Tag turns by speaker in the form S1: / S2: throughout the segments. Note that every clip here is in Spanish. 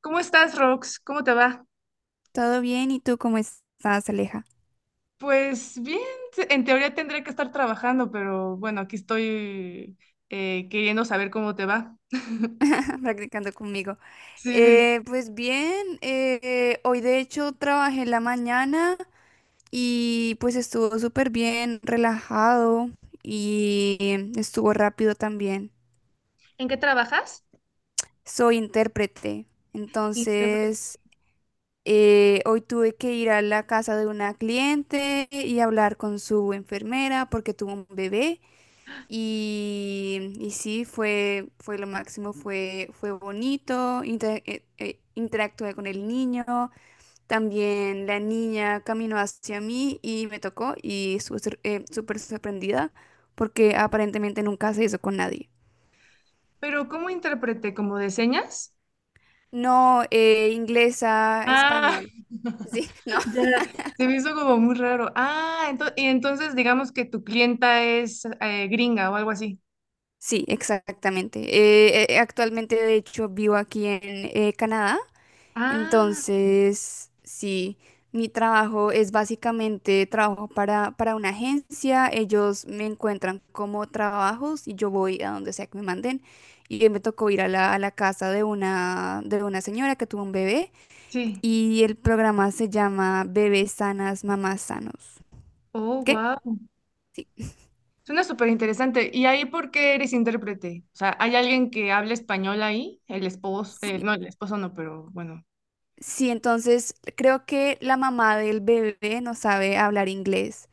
S1: ¿Cómo estás, Rox? ¿Cómo te va?
S2: Todo bien, ¿y tú cómo estás, Aleja?
S1: Pues bien, en teoría tendría que estar trabajando, pero bueno, aquí estoy, queriendo saber cómo te va.
S2: Practicando conmigo.
S1: Sí, sí.
S2: Pues bien, hoy de hecho trabajé en la mañana y pues estuvo súper bien, relajado y estuvo rápido también.
S1: ¿En qué trabajas?
S2: Soy intérprete,
S1: Intérprete.
S2: entonces, hoy tuve que ir a la casa de una cliente y hablar con su enfermera porque tuvo un bebé. Y sí, fue lo máximo, fue bonito, interactué con el niño, también la niña caminó hacia mí y me tocó y estuve súper sorprendida porque aparentemente nunca se hizo con nadie.
S1: Pero ¿cómo intérprete? ¿Como de señas?
S2: No, inglesa,
S1: Ah,
S2: español. Sí, no.
S1: ya, se me hizo como muy raro. Ah, y entonces digamos que tu clienta es gringa o algo así.
S2: Sí, exactamente. Actualmente, de hecho, vivo aquí en Canadá.
S1: Ah,
S2: Entonces, sí, mi trabajo es básicamente trabajo para una agencia, ellos me encuentran como trabajos y yo voy a donde sea que me manden. Y hoy me tocó ir a la casa de una señora que tuvo un bebé
S1: sí.
S2: y el programa se llama Bebés Sanas, Mamás Sanos.
S1: Oh,
S2: ¿Qué?
S1: wow.
S2: Sí,
S1: Suena súper interesante. ¿Y ahí por qué eres intérprete? O sea, ¿hay alguien que hable español ahí? El esposo,
S2: sí.
S1: el esposo no, pero bueno.
S2: Sí, entonces creo que la mamá del bebé no sabe hablar inglés.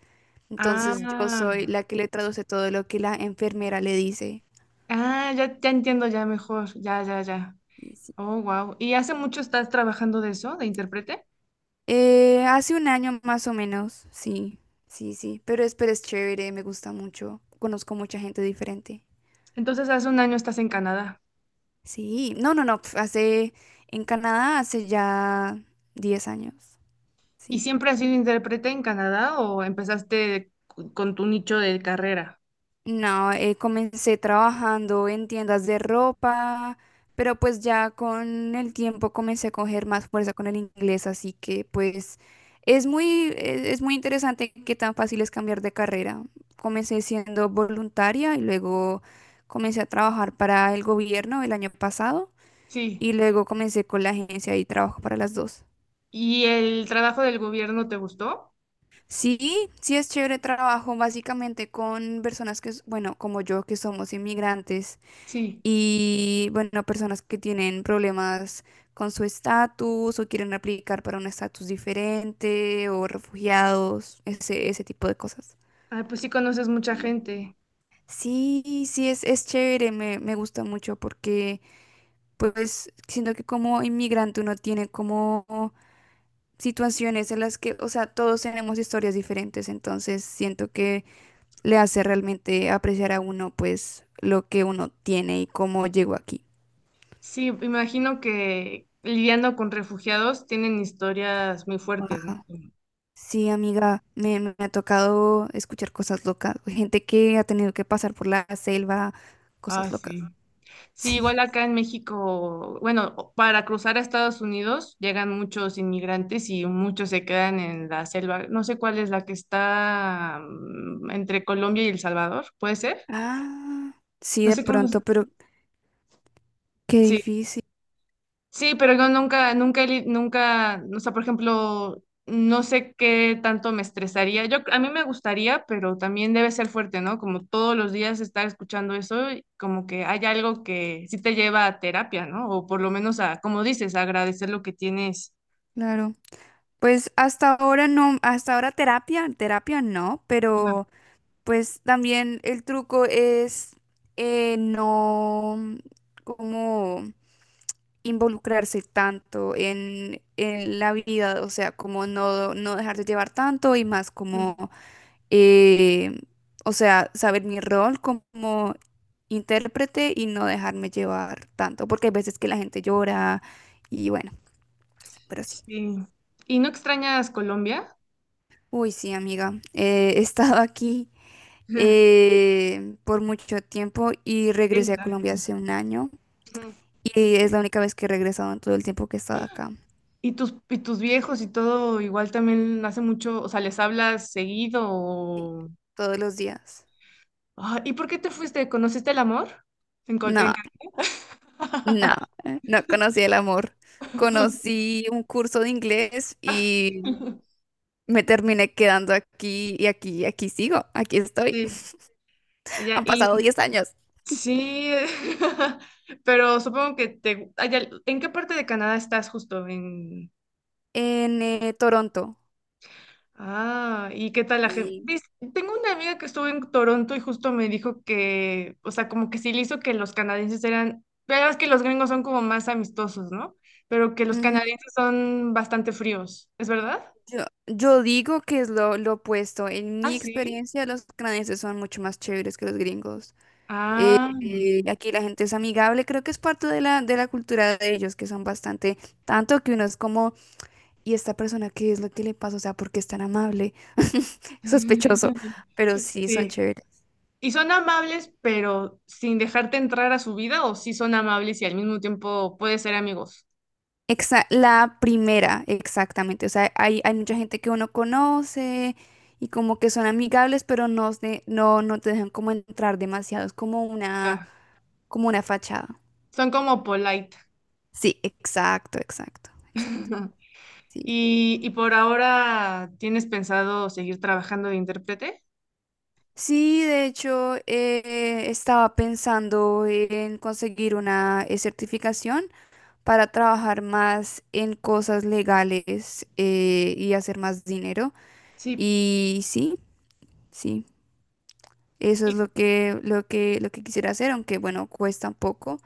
S2: Entonces yo
S1: Ah,
S2: soy la que le traduce todo lo que la enfermera le dice.
S1: ah, ya, ya entiendo ya mejor. Ya, ya, ya.
S2: Y sí.
S1: Oh, wow. ¿Y hace mucho estás trabajando de eso, de intérprete?
S2: Hace un año más o menos, sí, sí, sí, pero es chévere, me gusta mucho, conozco mucha gente diferente.
S1: Entonces, hace un año estás en Canadá.
S2: Sí, no, no, no, en Canadá hace ya 10 años,
S1: ¿Y
S2: sí.
S1: siempre has sido intérprete en Canadá o empezaste con tu nicho de carrera?
S2: No, comencé trabajando en tiendas de ropa, pero pues ya con el tiempo comencé a coger más fuerza con el inglés, así que pues es muy, es muy interesante qué tan fácil es cambiar de carrera. Comencé siendo voluntaria y luego comencé a trabajar para el gobierno el año pasado
S1: Sí.
S2: y luego comencé con la agencia y trabajo para las dos.
S1: ¿Y el trabajo del gobierno te gustó?
S2: Sí, sí es chévere, trabajo básicamente con personas que, bueno, como yo, que somos inmigrantes.
S1: Sí.
S2: Y bueno, personas que tienen problemas con su estatus o quieren aplicar para un estatus diferente o refugiados, ese tipo de cosas.
S1: Ah, pues sí conoces mucha gente.
S2: Sí, sí, es chévere, me gusta mucho porque pues siento que como inmigrante uno tiene como situaciones en las que, o sea, todos tenemos historias diferentes, entonces siento que le hace realmente apreciar a uno pues lo que uno tiene y cómo llegó aquí.
S1: Sí, imagino que lidiando con refugiados tienen historias muy fuertes, ¿no?
S2: Sí, amiga, me ha tocado escuchar cosas locas. Gente que ha tenido que pasar por la selva,
S1: Ah,
S2: cosas locas.
S1: sí. Sí,
S2: Sí.
S1: igual acá en México, bueno, para cruzar a Estados Unidos llegan muchos inmigrantes y muchos se quedan en la selva. No sé cuál es la que está entre Colombia y El Salvador, ¿puede ser?
S2: Ah, sí,
S1: No
S2: de
S1: sé cómo.
S2: pronto, pero qué
S1: Sí.
S2: difícil,
S1: Sí, pero yo nunca, o sea, por ejemplo, no sé qué tanto me estresaría. Yo, a mí me gustaría, pero también debe ser fuerte, ¿no? Como todos los días estar escuchando eso, y como que hay algo que sí te lleva a terapia, ¿no? O por lo menos a, como dices, a agradecer lo que tienes.
S2: claro. Pues hasta ahora no, hasta ahora terapia, terapia no,
S1: Ajá.
S2: pero pues también el truco es no, como involucrarse tanto en la vida, o sea, como no, no dejarse llevar tanto y más
S1: Mm.
S2: como eh, o sea, saber mi rol como intérprete y no dejarme llevar tanto, porque hay veces que la gente llora y bueno, pero sí.
S1: Sí. ¿Y no extrañas Colombia?
S2: Uy, sí, amiga, he estado aquí por mucho tiempo y regresé a
S1: Esta.
S2: Colombia hace un año
S1: Ujú.
S2: y es la única vez que he regresado en todo el tiempo que he estado acá.
S1: ¿Y tus viejos y todo igual también hace mucho, o sea, les hablas
S2: Sí,
S1: seguido?
S2: todos los días.
S1: Ah, ¿y por qué te fuiste? ¿Conociste el amor? En, en
S2: No, no,
S1: Cancún.
S2: no conocí el amor. Conocí un curso de inglés y me terminé quedando aquí y aquí y aquí sigo, aquí estoy.
S1: Sí, ya,
S2: Han pasado
S1: y
S2: 10 años
S1: sí, pero supongo que te... ay, ya. ¿En qué parte de Canadá estás justo? En...
S2: en Toronto.
S1: Ah, ¿y qué tal la gente?
S2: Y.
S1: Tengo una amiga que estuvo en Toronto y justo me dijo que, o sea, como que sí le hizo que los canadienses eran, pero es que los gringos son como más amistosos, ¿no? Pero que los
S2: Ujú.
S1: canadienses son bastante fríos, ¿es verdad?
S2: Yo digo que es lo opuesto. En
S1: Ah,
S2: mi
S1: sí.
S2: experiencia, los canadienses son mucho más chéveres que los gringos.
S1: Ah,
S2: Aquí la gente es amigable, creo que es parte de la cultura de ellos, que son bastante, tanto que uno es como, ¿y esta persona qué es lo que le pasa? O sea, ¿por qué es tan amable? Sospechoso, pero sí son
S1: sí.
S2: chéveres.
S1: Y son amables, pero sin dejarte entrar a su vida, o sí son amables y al mismo tiempo puedes ser amigos.
S2: La primera, exactamente. O sea, hay mucha gente que uno conoce y como que son amigables, pero no, no, no te dejan como entrar demasiado. Es
S1: O
S2: como una fachada.
S1: son como polite.
S2: Sí, exacto, exacto, exacto. Sí,
S1: Y, y por ahora, ¿tienes pensado seguir trabajando de intérprete?
S2: sí, de hecho, estaba pensando en conseguir una certificación para trabajar más en cosas legales y hacer más dinero.
S1: Sí.
S2: Y sí. Sí, eso es
S1: Sí.
S2: lo que quisiera hacer, aunque bueno, cuesta un poco.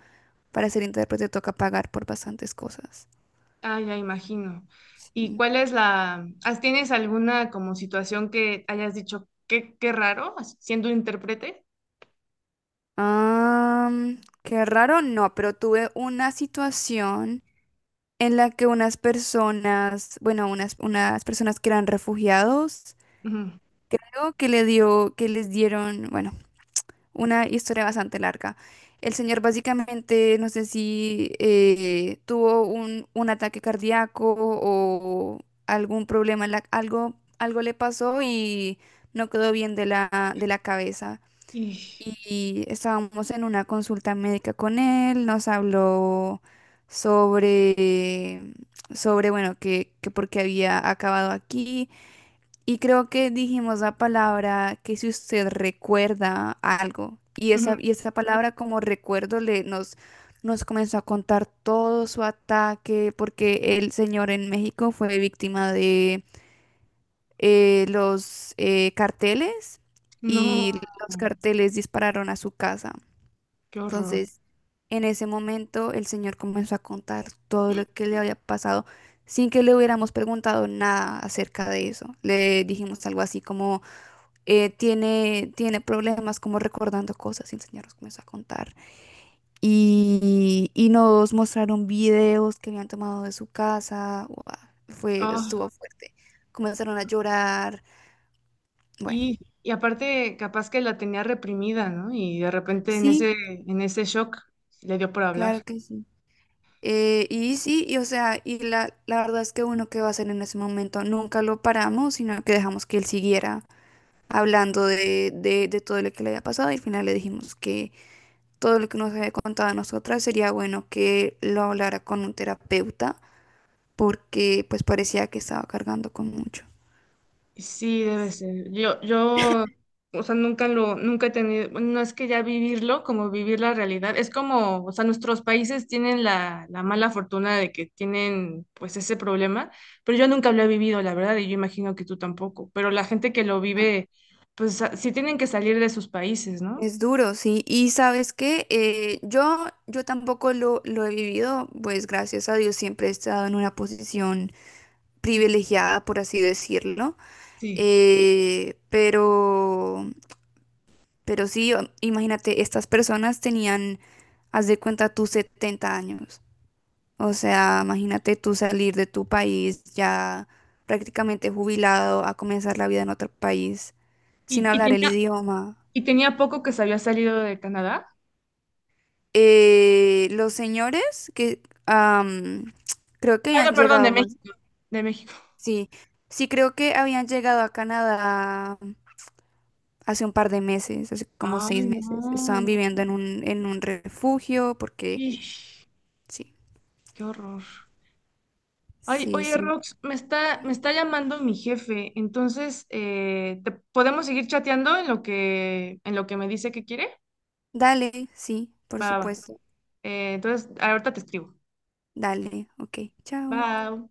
S2: Para ser intérprete toca pagar por bastantes cosas.
S1: Ah, ya imagino. ¿Y
S2: Sí.
S1: cuál es la, tienes alguna como situación que hayas dicho, qué, qué raro, siendo intérprete?
S2: Qué raro, no, pero tuve una situación en la que unas personas, bueno, unas personas que eran refugiados,
S1: Ujú.
S2: creo que le dio, que les dieron, bueno, una historia bastante larga. El señor básicamente, no sé si tuvo un ataque cardíaco o algún problema, algo le pasó y no quedó bien de la cabeza.
S1: Y,
S2: Y estábamos en una consulta médica con él, nos habló sobre, sobre bueno, que por qué había acabado aquí, y creo que dijimos la palabra, que si usted recuerda algo, y
S1: ujú.
S2: esa palabra como recuerdo nos comenzó a contar todo su ataque, porque el señor en México fue víctima de los carteles
S1: No,
S2: y los carteles dispararon a su casa.
S1: qué horror.
S2: Entonces, en ese momento el señor comenzó a contar todo lo que le había pasado sin que le hubiéramos preguntado nada acerca de eso. Le dijimos algo así como tiene problemas como recordando cosas y enseñarnos cómo es a contar. Y nos mostraron videos que habían tomado de su casa. Guau, fue, estuvo fuerte. Comenzaron a llorar. Bueno,
S1: Y aparte, capaz que la tenía reprimida, ¿no? Y de repente en
S2: sí,
S1: ese shock le dio por hablar.
S2: claro que sí. Y sí, y o sea, y la verdad es que uno que va a hacer en ese momento, nunca lo paramos, sino que dejamos que él siguiera hablando de todo lo que le había pasado, y al final le dijimos que todo lo que nos haya contado a nosotras, sería bueno que lo hablara con un terapeuta porque pues parecía que estaba cargando con mucho.
S1: Sí, debe ser. Yo, o sea, nunca lo, nunca he tenido, bueno, no es que ya vivirlo, como vivir la realidad. Es como, o sea, nuestros países tienen la, la mala fortuna de que tienen, pues, ese problema, pero yo nunca lo he vivido, la verdad, y yo imagino que tú tampoco. Pero la gente que lo
S2: Ah.
S1: vive, pues, sí tienen que salir de sus países, ¿no?
S2: Es duro, sí. Y sabes qué. Yo tampoco lo he vivido, pues gracias a Dios siempre he estado en una posición privilegiada, por así decirlo.
S1: Sí.
S2: Eh, pero, pero sí, imagínate, estas personas tenían, haz de cuenta, tus 70 años. O sea, imagínate tú salir de tu país ya prácticamente jubilado a comenzar la vida en otro país sin
S1: Y, y
S2: hablar el
S1: tenía-
S2: idioma.
S1: Y tenía poco que se había salido de Canadá.
S2: Los señores que am, creo que
S1: Ah,
S2: habían
S1: no, perdón, de
S2: llegado,
S1: México. De México.
S2: sí, sí creo que habían llegado a Canadá hace un par de meses, hace como
S1: Ay,
S2: 6 meses.
S1: no,
S2: Estaban
S1: no.
S2: viviendo en un refugio porque
S1: Ish,
S2: sí,
S1: qué horror. Ay,
S2: sí,
S1: oye,
S2: sí.
S1: Rox, me está llamando mi jefe. Entonces, podemos seguir chateando en lo que me dice que quiere?
S2: Dale, sí, por
S1: Va, va.
S2: supuesto.
S1: Entonces, ahorita te escribo.
S2: Dale, ok, chao.
S1: Bye.